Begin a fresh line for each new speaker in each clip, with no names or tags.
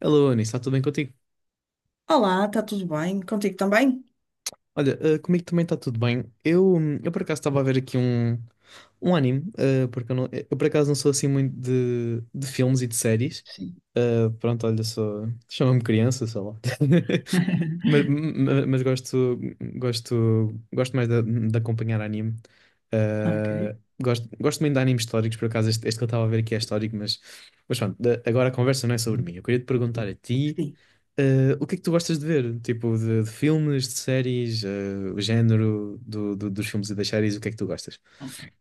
Alô, Anis, está tudo bem contigo?
Olá, está tudo bem? Contigo também?
Olha, comigo também está tudo bem. Eu por acaso estava a ver aqui um, um anime, porque eu, eu por acaso não sou assim muito de, filmes e de séries.
Sim.
Pronto, olha, sou, chama-me criança, sei lá. Mas, mas, mas gosto, gosto mais de, acompanhar anime.
Ok.
Eh, gosto muito de animes históricos, por acaso este, que eu estava a ver aqui é histórico, mas pronto, agora a conversa não é sobre mim. Eu queria te perguntar a ti.
Sim.
O que é que tu gostas de ver? Tipo, de filmes, de séries, o género dos filmes e das séries, o que é que tu gostas?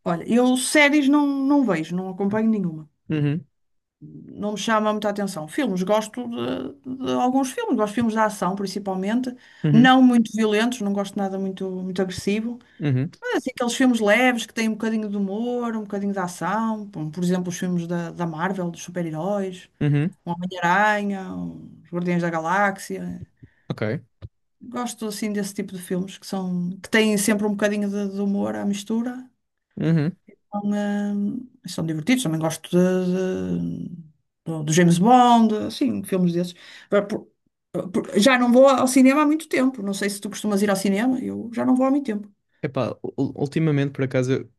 Olha, eu séries não vejo, não acompanho nenhuma.
Uhum,
Não me chama muita atenção. Filmes, gosto de alguns filmes, gosto de filmes de ação, principalmente.
uhum,
Não muito violentos, não gosto de nada muito, muito agressivo.
uhum,
Mas assim, aqueles filmes leves que têm um bocadinho de humor, um bocadinho de ação. Por exemplo, os filmes da Marvel, dos super-heróis,
uhum,
o Homem-Aranha, os Guardiões da Galáxia.
ok.
Gosto assim desse tipo de filmes que têm sempre um bocadinho de humor à mistura.
Uhum.
São divertidos. Também gosto do James Bond, assim, filmes desses. Agora, já não vou ao cinema há muito tempo. Não sei se tu costumas ir ao cinema. Eu já não vou há muito tempo.
Epá, ultimamente, por acaso, eu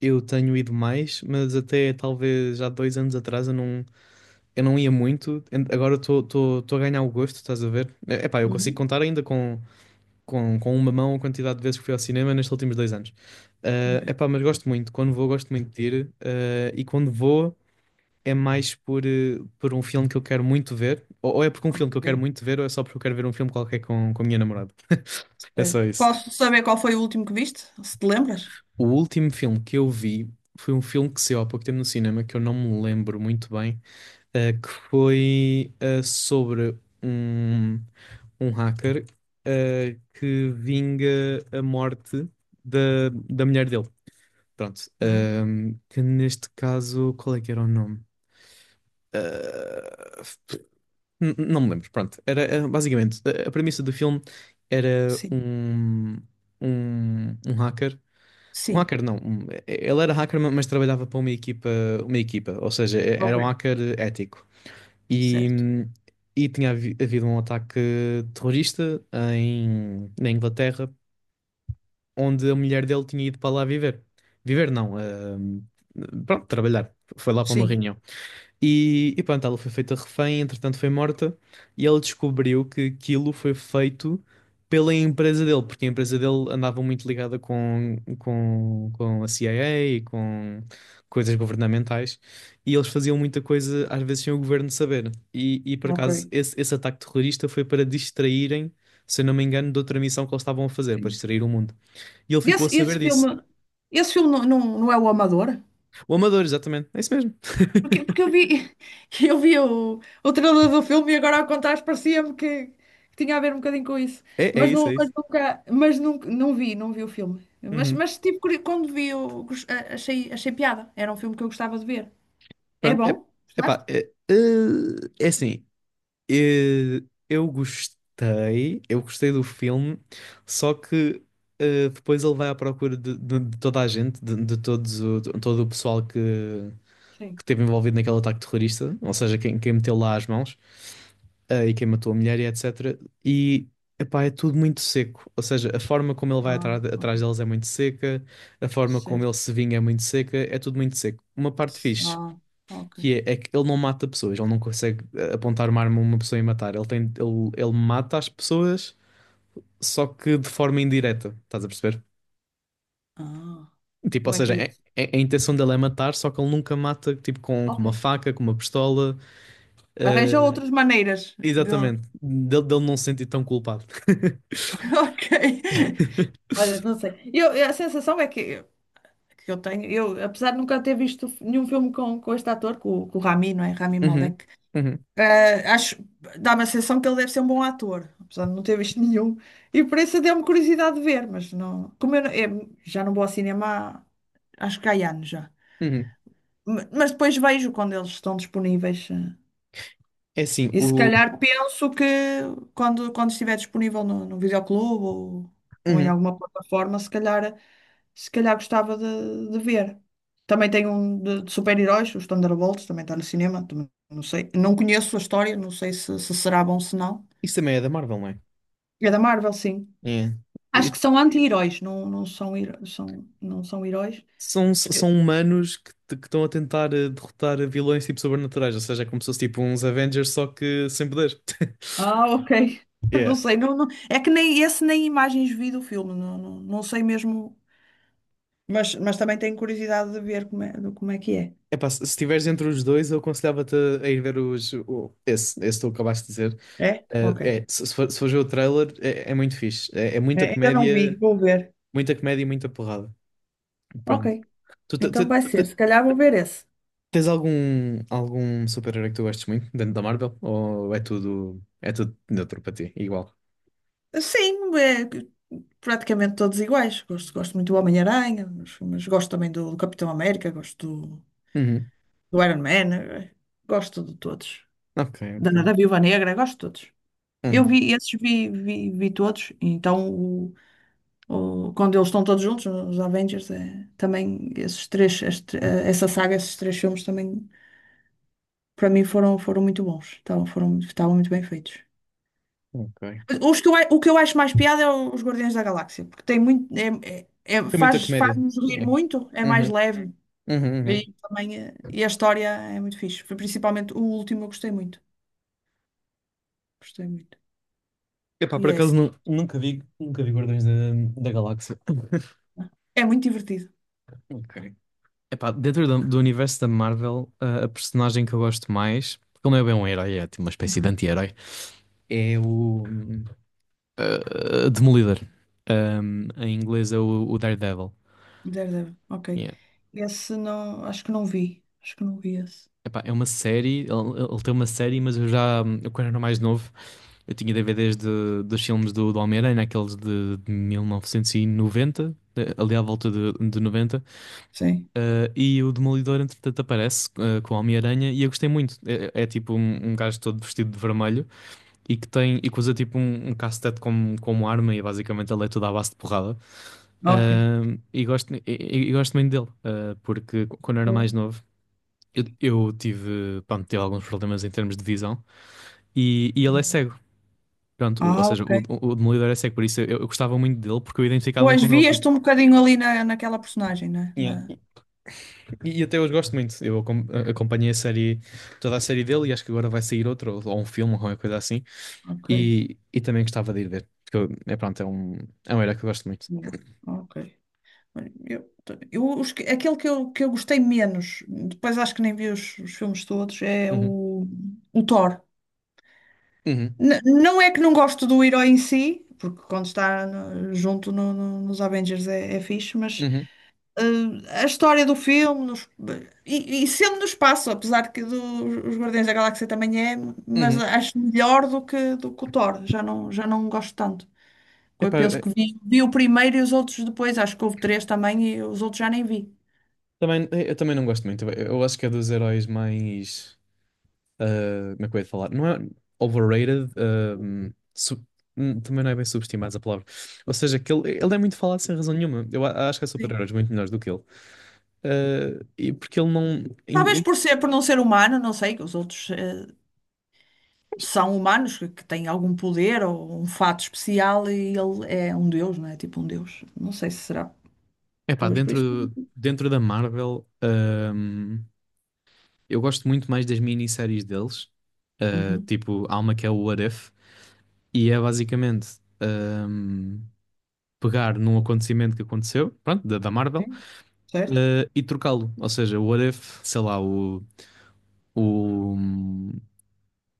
eu tenho ido mais, mas até talvez há 2 anos atrás eu não ia muito. Agora estou a ganhar o gosto, estás a ver? Epá, eu consigo
Uhum.
contar ainda com, com, uma mão a quantidade de vezes que fui ao cinema nestes últimos 2 anos.
Ok.
Epá, mas gosto muito. Quando vou, gosto muito de ir. E quando vou. É mais por, por um filme que eu quero muito ver, ou, é porque um filme que eu
Ok.
quero muito ver, ou é só porque eu quero ver um filme qualquer com a minha namorada. É só isso.
Posso saber qual foi o último que viste? Se te lembras?
O último filme que eu vi foi um filme que saiu há pouco tempo no cinema, que eu não me lembro muito bem, que foi sobre um, um, hacker que vinga a morte da mulher dele. Pronto.
Ah,
Que neste caso, qual é que era o nome? Ah, Não me lembro, pronto. Era basicamente a, premissa do filme era
sim.
um hacker. Um
Sim.
hacker não, ele era hacker, mas trabalhava para uma equipa, ou seja, era
Ok.
um hacker ético. E,
Certo.
hum, e tinha havido um ataque terrorista na Inglaterra, onde a mulher dele tinha ido para lá viver. Viver não, hum, pronto, trabalhar. Foi lá para uma
Sim.
reunião. E pronto, ela foi feita refém, entretanto foi morta, e ele descobriu que aquilo foi feito pela empresa dele, porque a empresa dele andava muito ligada com, com, a CIA e com coisas governamentais, e eles faziam muita coisa, às vezes, sem o governo saber. E por
Ok.
acaso, esse ataque terrorista foi para distraírem, se eu não me engano, de outra missão que eles estavam a fazer, para distrair o mundo. E ele ficou a
Esse,
saber
esse
disso.
filme, esse filme não é o Amador?
O Amador, exatamente, é isso mesmo.
Porque eu vi, eu vi o trailer do filme e agora ao contar parecia-me que tinha a ver um bocadinho com isso.
É, é
Mas,
isso,
não,
é
mas
isso.
nunca, mas nunca, não vi o filme. Mas,
Uhum.
mas tipo, quando vi, eu gos- a- achei, achei piada. Era um filme que eu gostava de ver. É
Pronto, é,
bom?
epá,
Gostaste?
é, é assim, eh, eu gostei, do filme, só que depois ele vai à procura de toda a gente, de todo o pessoal que,
Sim.
que esteve envolvido naquele ataque terrorista, ou seja, quem meteu lá as mãos, e quem matou a mulher e etc. E, epá, é tudo muito seco, ou seja, a forma como ele vai
Ah,
atrás,
ok.
atrás deles é muito seca, a forma como ele
Certo.
se vinga é muito seca, é tudo muito seco. Uma parte fixe
Ah, ok.
que é que ele não mata pessoas, ele não consegue apontar uma arma a uma pessoa e matar. Ele mata as pessoas, só que de forma indireta, estás a perceber?
Ah,
Tipo, ou
como é que
seja,
é isso?
a intenção dele é matar, só que ele nunca mata, tipo, com,
Ok.
uma faca, com uma pistola.
Arranja
eh,
outras maneiras de...
Exatamente, dele não se sentir tão culpado.
Ok. Olha, não sei. A sensação é que eu tenho, apesar de nunca ter visto nenhum filme com este ator, com o Rami, não é? Rami
Uhum,
Malek,
uhum,
acho, dá-me a sensação que ele deve ser um bom ator, apesar de não ter visto nenhum. E por isso deu-me curiosidade de ver, mas não. Como eu, eu já não vou ao cinema há, acho que há anos já.
uhum.
Mas depois vejo quando eles estão disponíveis.
É assim,
E se
o.
calhar penso que quando estiver disponível no videoclube ou em
Uhum.
alguma plataforma, se calhar gostava de ver. Também tem um de super-heróis, os Thunderbolts, também está no cinema, também não sei. Não conheço a história, não sei se será bom se não.
Isso também é da Marvel, não é?
É da Marvel, sim. Acho
É.
que são anti-heróis, não são heróis.
São,
Porque-
são humanos que, que estão a tentar derrotar vilões tipo sobrenaturais, ou seja, é como se fosse tipo uns Avengers, só que sem poder.
Ah, ok. Não
Yeah.
sei, é que nem esse nem imagens vi do filme, não sei mesmo. Mas também tenho curiosidade de ver como é, como é que é.
Epá, se estiveres entre os dois, eu aconselhava-te a ir ver esse que tu acabaste de dizer.
É? Ok.
É, se fores ver o trailer, é, muito fixe. É
É, ainda não vi, vou ver.
muita comédia e muita porrada.
Ok.
Pronto. Tu, te- te-
Então vai ser,
te-
se calhar vou ver esse.
tens algum, super-herói que tu gostes muito dentro da Marvel? Ou é tudo neutro para ti? Igual.
Sim, é praticamente todos iguais. Gosto muito do Homem-Aranha, mas gosto também do Capitão América, gosto do,
Uhum.
do Iron Man, gosto de todos.
Ok,
Da,
ok.
da Viúva Negra, gosto de todos. Eu
Uhum.
vi esses, vi todos. Então, quando eles estão todos juntos, os Avengers, é, também esses três, essa saga, esses três filmes também para mim foram, muito bons, estavam muito bem feitos.
Ok.
Os que eu, o que eu acho mais piada é os Guardiões da Galáxia, porque tem muito,
Tem muita
faz,
comédia.
faz-nos rir
É.
muito, é mais
Uhum.
leve
Uhum. Uhum.
e também e a história é muito fixe. Foi Principalmente o último eu gostei muito.
Epá,
E
por
é
acaso
esse.
nunca vi Guardiões da, Galáxia.
É muito divertido.
Ok. Epá, dentro do, universo da Marvel, a personagem que eu gosto mais, porque ele não é bem um herói, é tipo uma espécie de
Uhum.
anti-herói, é o Demolidor. Em inglês é o, Daredevil.
Daredevil, ok.
Yeah.
Esse não, acho que não vi esse.
Epá, é uma série, ele tem uma série, mas eu já, eu quando era mais novo. Eu tinha DVDs dos filmes do, Homem-Aranha, aqueles de 1990, ali à volta de 90,
Sim,
e o Demolidor, entretanto, aparece com o Homem-Aranha, e eu gostei muito. É tipo um, um, gajo todo vestido de vermelho e que tem e que usa tipo um, um, cacetete como arma, e basicamente ele é toda à base de porrada.
ok.
E gosto muito dele, porque quando eu era
Boa.
mais novo. Eu tive alguns problemas em termos de visão e, ele é cego. Pronto, ou
Ah,
seja,
ok.
o, Demolidor é cego, por isso eu gostava muito dele, porque eu identificava-me
Pois
com ele, tipo.
vias-te um bocadinho ali naquela personagem, né?
Yeah. E até hoje gosto muito. Eu acompanhei a série, toda a série dele, e acho que agora vai sair outro, ou um filme, ou qualquer coisa assim.
Ok.
E também gostava de ir ver, porque é pronto, é um herói que eu gosto muito.
Boa, Ok. Olha, aquele que eu gostei menos, depois acho que nem vi os filmes todos, é
Uhum,
o Thor.
uhum,
Não é que não gosto do herói em si, porque quando está junto nos Avengers é fixe, mas
uhum,
a história do filme e sendo no espaço, apesar de que os Guardiões da Galáxia também é, mas
uhum.
acho melhor do que o Thor, já não gosto tanto. Eu
Epá,
penso que vi o primeiro e os outros depois. Acho que houve três também e os outros já nem vi.
eu também não gosto muito. Eu acho que é dos heróis mais. Como é que eu ia falar? Não é overrated, também não é bem subestimado a palavra. Ou seja, que ele, é muito falado sem razão nenhuma. Eu acho que há
Sim.
super-heróis muito melhores do que ele. E porque ele não.
Talvez por ser, por não ser humano, não sei, que os outros são humanos, que têm algum poder ou um fato especial e ele é um deus, não é? Tipo um deus. Não sei se será.
Epá,
Talvez por
dentro,
isso.
dentro da Marvel, eu gosto muito mais das minisséries deles.
Uhum.
Tipo, há uma que é o What If, e é basicamente hum, pegar num acontecimento que aconteceu, pronto, da, Marvel,
Sim, certo.
e trocá-lo. Ou seja, o What If, sei lá, o. o,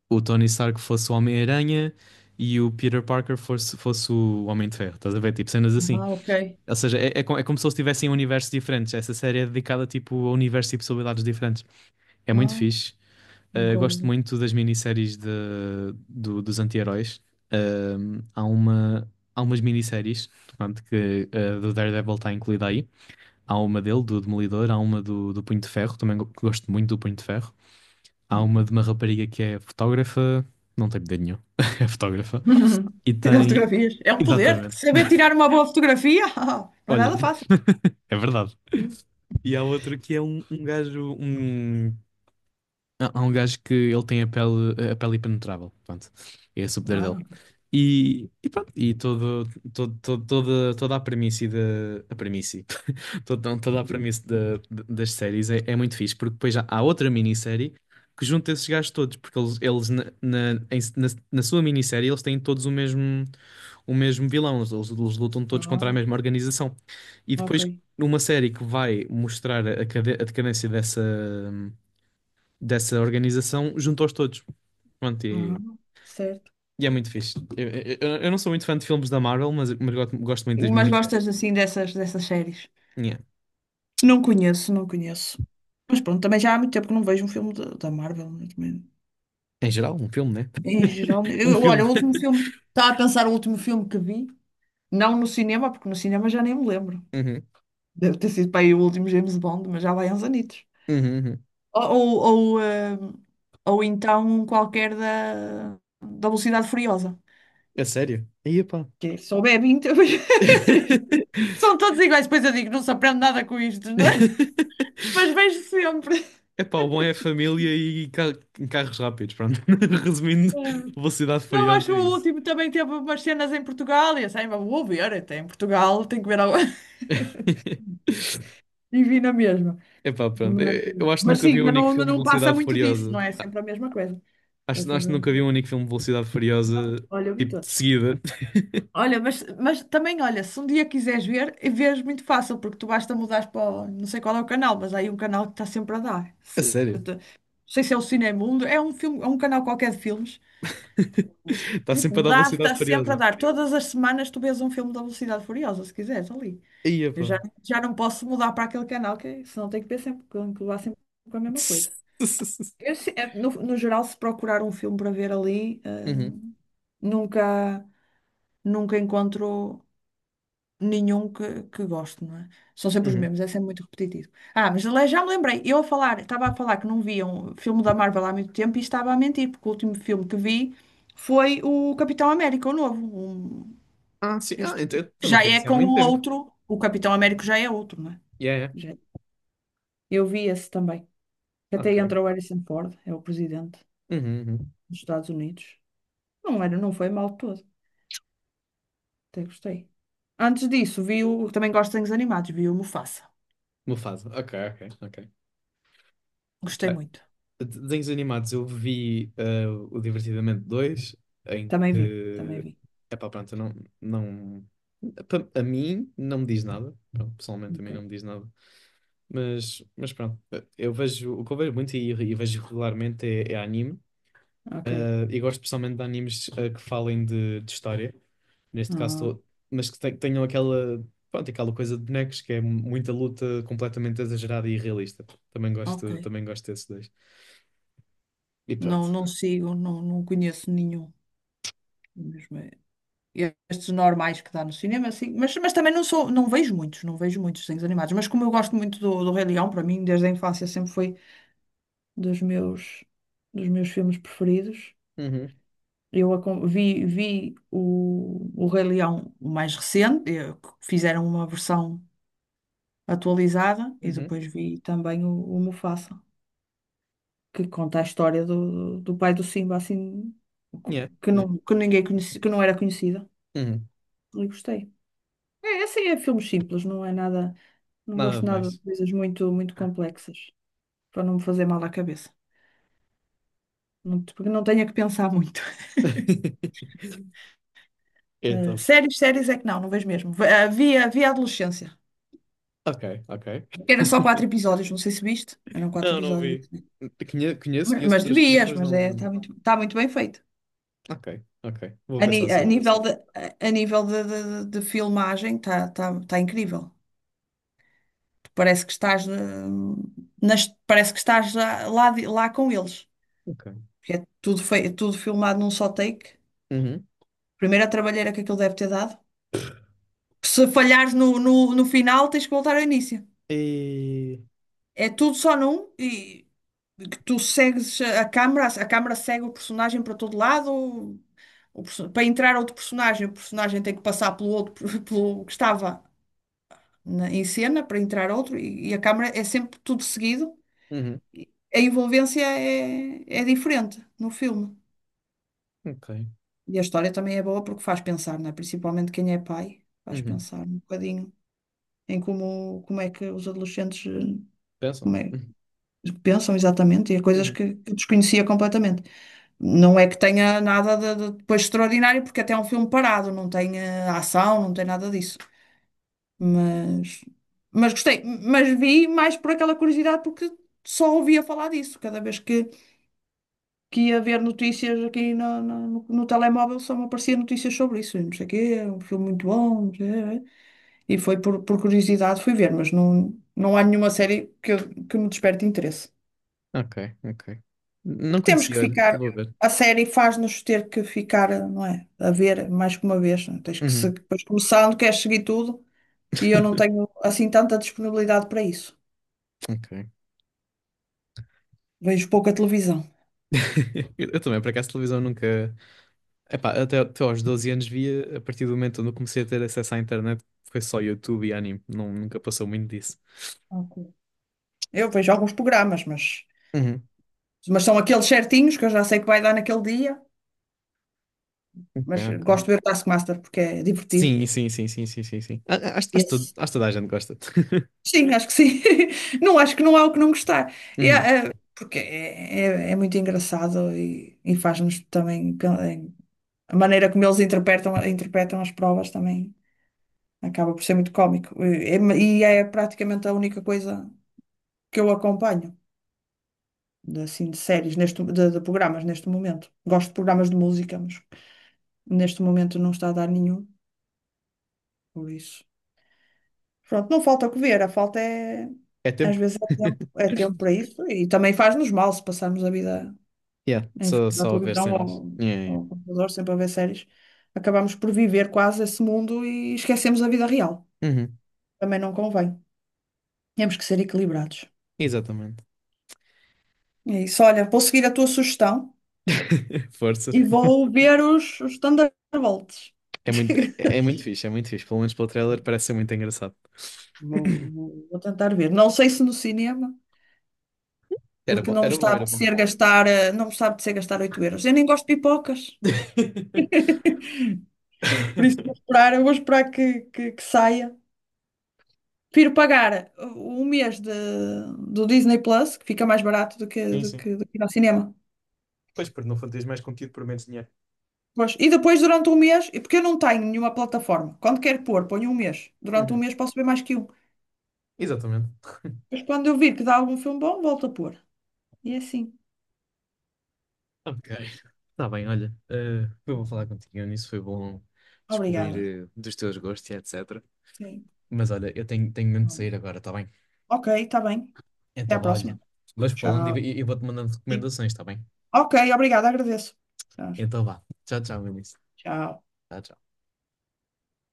o Tony Stark fosse o Homem-Aranha e o Peter Parker fosse o Homem de Ferro. Estás a ver? Tipo, cenas assim.
Ah, ok.
Ou seja, é como se eles tivessem universos diferentes. Essa série é dedicada tipo, a universos e possibilidades diferentes. É muito
Ah,
fixe.
nunca
Gosto
ouvi.
muito das minisséries dos anti-heróis. Há umas minisséries, portanto, que do Daredevil está incluída aí. Há uma dele, do Demolidor, há uma do Punho de Ferro, também gosto muito do Punho de Ferro. Há
Ok.
uma de uma rapariga que é fotógrafa, não tem poder nenhum, é fotógrafa, e
Tirar
tem.
fotografias. É um poder.
Exatamente.
Saber tirar uma boa fotografia? Não é
Olha,
nada fácil.
é verdade. E há outro que é um, gajo, um. Há um gajo que ele tem a pele impenetrável. Pronto. É esse o poder dele.
Ah.
E pronto, e toda a premissa da. A premissa. Toda a premissa das séries é, muito fixe, porque depois já há outra minissérie que junta esses gajos todos, porque eles, na sua minissérie eles têm todos o mesmo, vilão, eles lutam todos contra a
Ah,
mesma organização. E
ok.
depois, numa série que vai mostrar a, a decadência dessa organização juntou-os todos. Pronto,
Ah,
e,
certo.
e é muito fixe. Eu não sou muito fã de filmes da Marvel, mas, gosto muito das
Mas
minisséries.
gostas assim dessas séries?
Yeah.
Não conheço, não conheço. Mas pronto, também já há muito tempo que não vejo um filme da Marvel, né, também.
Em geral, um filme, né?
Em geral, né,
Um
eu,
filme.
olha, o último filme. Estava a pensar o último filme que vi, não no cinema, porque no cinema já nem me lembro.
Uhum,
Deve ter sido para aí o último James Bond, mas já vai uns anitos.
uhum, uhum.
Ou, ou, ou, eh, ou então um qualquer da Velocidade Furiosa.
É sério? Aí, pá.
Que é só bebe 20. São todos iguais, depois eu digo, não se aprende nada com isto. Mas vejo sempre.
Epá, o bom é a família e carros rápidos, pronto. Resumindo, Velocidade
Não, acho
Furiosa
que
é
o
isso.
último também teve umas cenas em Portugal e assim, "Ah, vou ver, até em Portugal tenho que ver algo. E vi na mesma.
Epá, pronto. Eu
Mas,
acho que
mas
nunca
sim,
vi o
mas
único
não,
filme de
não passa
Velocidade
muito disso,
Furiosa.
não é? É sempre a mesma coisa. É
Acho
sempre
que
a
nunca vi
mesma
um único filme de Velocidade
coisa.
Furiosa,
Olha, eu vi
tipo, de
todos.
seguida.
Olha, mas também, olha, se um dia quiseres ver, vês muito fácil, porque tu basta mudar para, não sei qual é o canal, mas há aí um canal que está sempre a dar.
A sério?
Não sei se é o Cinemundo, é um filme, é um canal qualquer de filmes,
Está
que
sempre a dar
dá, está
Velocidade
sempre a
Furiosa.
dar. Todas as semanas tu vês um filme da Velocidade Furiosa, se quiseres, ali.
Ia,
Eu
pá.
já, não posso mudar para aquele canal, que senão tenho que ver sempre, que levar sempre com a mesma coisa. Eu se- eh, no, no geral, se procurar um filme para ver ali,
Uhum,
nunca, nunca encontro nenhum que gosto, não é? São sempre os
uhum.
mesmos, é sempre muito repetitivo. Ah, mas aliás, já me lembrei, eu a falar, estava a falar que não via um filme da Marvel há muito tempo e estava a mentir, porque o último filme que vi foi o Capitão América, o novo,
Sim.
Eu
Ah,
estou-
então então não
já
foi
é
assim há
com o
muito tempo.
outro, o Capitão Américo já é outro, não é?
Yeah, yeah.
Já- Eu vi esse também. Que Até
Ok.
entrou o Harrison Ford, é o presidente
Uhum, uhum.
dos Estados Unidos. Não era, não foi mal todo. Até gostei. Antes disso, vi o, também gosto de desenhos animados, vi o Mufasa.
Mufasa. Ok, ok, ok.
Gostei
Epá,
muito.
desenhos animados, eu vi o Divertidamente 2 em
Também vi, também
que...
vi.
Epá, pronto, eu não... não... pa- A mim não me diz nada. Pronto, pessoalmente a
Ok,
mim não me diz nada. mas, pronto, eu vejo, o que eu vejo muito e, vejo regularmente é anime.
ok.
E gosto especialmente de animes que falem de história, neste caso,
Ah,
mas que tenham aquela, pronto, aquela coisa de bonecos que é muita luta completamente exagerada e irrealista. Também
ok.
gosto, também gosto desses dois. E
Não,
pronto.
não sigo, não conheço nenhum. Mesmo. Estes normais que dá no cinema, assim, mas também não vejo muitos, desenhos animados, mas como eu gosto muito do Rei Leão, para mim, desde a infância sempre foi dos meus, dos meus filmes preferidos.
Uhum,
Vi o Rei Leão o mais recente, que fizeram uma versão atualizada, e
uhum,
depois vi também o Mufasa, que conta a história do pai do Simba, assim,
yeah,
que,
yeah,
não, que ninguém conhecia, que não era conhecida.
uhum.
E gostei. É, assim, é filmes simples, não é nada. Não
Nada
gosto
de
nada de
mais.
coisas muito, muito complexas, para não me fazer mal à cabeça. Não, porque não tenha que pensar muito.
É
Eh,
top.
séries, séries é que não vejo mesmo. Havia adolescência,
Ok, ok.
que era só quatro episódios, não sei se viste. Eram quatro
Não, não
episódios,
vi.
viste?
Conhe- Conheço,
Mas
conheço
mas
pessoas que viram,
devias,
mas
mas é,
não.
está muito bem feito.
Ok, ok. Vou
A,
pensar
ni-
sobre isso.
a nível de filmagem está incrível. Parece que estás, eh, parece que estás lá, lá com eles.
Ok.
Porque é tudo, tudo filmado num só take.
Uhum.
Primeiro a trabalheira que aquilo deve ter dado. Se falhares no final, tens que voltar ao início.
E.
É tudo só num e que tu segues a câmara segue o personagem para todo lado. Para entrar outro personagem, o personagem tem que passar pelo outro, pelo que estava em cena para entrar outro e a câmara é sempre tudo seguido.
Uhum.
E a envolvência é diferente no filme.
Ok.
E a história também é boa porque faz pensar, não é? Principalmente quem é pai, faz
Uhum.
pensar um bocadinho em como é que os adolescentes
Pensam?
como é,
Uhum.
pensam exatamente e a coisas
Uhum.
que eu desconhecia completamente. Não é que tenha nada de depois extraordinário, porque até é um filme parado, não tem ação, não tem nada disso. Mas, mas gostei, mas vi mais por aquela curiosidade, porque só ouvia falar disso. Cada vez que ia ver notícias aqui no telemóvel, só me apareciam notícias sobre isso. E não sei o quê, é um filme muito bom, não sei, é. E foi por curiosidade fui ver, mas não há nenhuma série que me desperte interesse.
Ok, ok. Não
Temos
conheci,
que
olha.
ficar,
Vou ver.
a série faz-nos ter que ficar, não é? A ver mais que uma vez. Não é? Tens que se,
Uhum.
depois começando, queres seguir tudo e eu não tenho assim tanta disponibilidade para isso.
Ok.
Vejo pouca televisão.
Eu também, por acaso, televisão nunca. Epá, até aos 12 anos via, a partir do momento onde eu comecei a ter acesso à internet, foi só YouTube e anime. Não, nunca passou muito disso.
Ok. Eu vejo alguns programas, mas,
Uhum.
mas são aqueles certinhos que eu já sei que vai dar naquele dia,
Ok,
mas
ok.
gosto de ver o Taskmaster porque é divertido.
Sim, sim, sim, sim, sim, sim, sim. A- a- Acho, acho, todo-
Esse
acho toda a gente gosta.
Sim, acho que sim. Não acho que não há o que não gostar. E
Uhum.
há, porque é muito engraçado e faz-nos também a maneira como eles interpretam as provas também acaba por ser muito cómico. É praticamente a única coisa que eu acompanho de séries neste, de programas neste momento. Gosto de programas de música, mas neste momento não está a dar nenhum, por isso. Pronto, não falta o que ver, a falta é
É
às
tempo.
vezes é tempo, para isso e também faz-nos mal se passarmos a vida
Yeah,
em
só,
frente à
só a ver
televisão
cenas.
ou
Yeah,
ao computador, sempre a ver séries, acabamos por viver quase esse mundo e esquecemos a vida real.
yeah. Uhum,
Também não convém. Temos que ser equilibrados.
Exatamente.
É isso. Olha, vou seguir a tua sugestão
Força.
e vou ver os Thunderbolts.
É muito, é, é muito fixe, é muito fixe. Pelo menos pelo trailer parece ser muito engraçado.
Vou, vou- vou tentar ver. Não sei se no cinema,
Era
porque
bom,
não me
era
está a
bom, era bom.
apetecer gastar, não me está a apetecer gastar 8 euros. Eu nem gosto de pipocas. Por isso vou esperar, eu vou esperar que saia. Prefiro pagar um mês do Disney Plus, que fica mais barato do que,
Sim,
do
sim.
que, do que ir ao cinema.
Pois, porque não tens mais conteúdo por menos dinheiro.
Pois. E depois, durante um mês, e porque eu não tenho nenhuma plataforma, quando quero pôr, ponho um mês. Durante um
Uhum,
mês posso ver mais que um.
Exatamente.
Mas quando eu vir que dá algum filme bom, volto a pôr. E é assim.
Ok. Tá bem, olha. Foi bom falar contigo, nisso foi bom
Obrigada.
descobrir dos teus gostos e etc.
Sim.
Mas olha, eu tenho mesmo de sair agora, tá bem?
Ok, está bem. Até
Então,
à
vá, olha.
próxima.
Vais falando e,
Tchau.
e e vou-te mandando
Sim.
recomendações, tá bem?
Ok, obrigada, agradeço. Tchau.
Então vá. Tchau, tchau, Vinícius.
Tchau.
Tchau, tchau.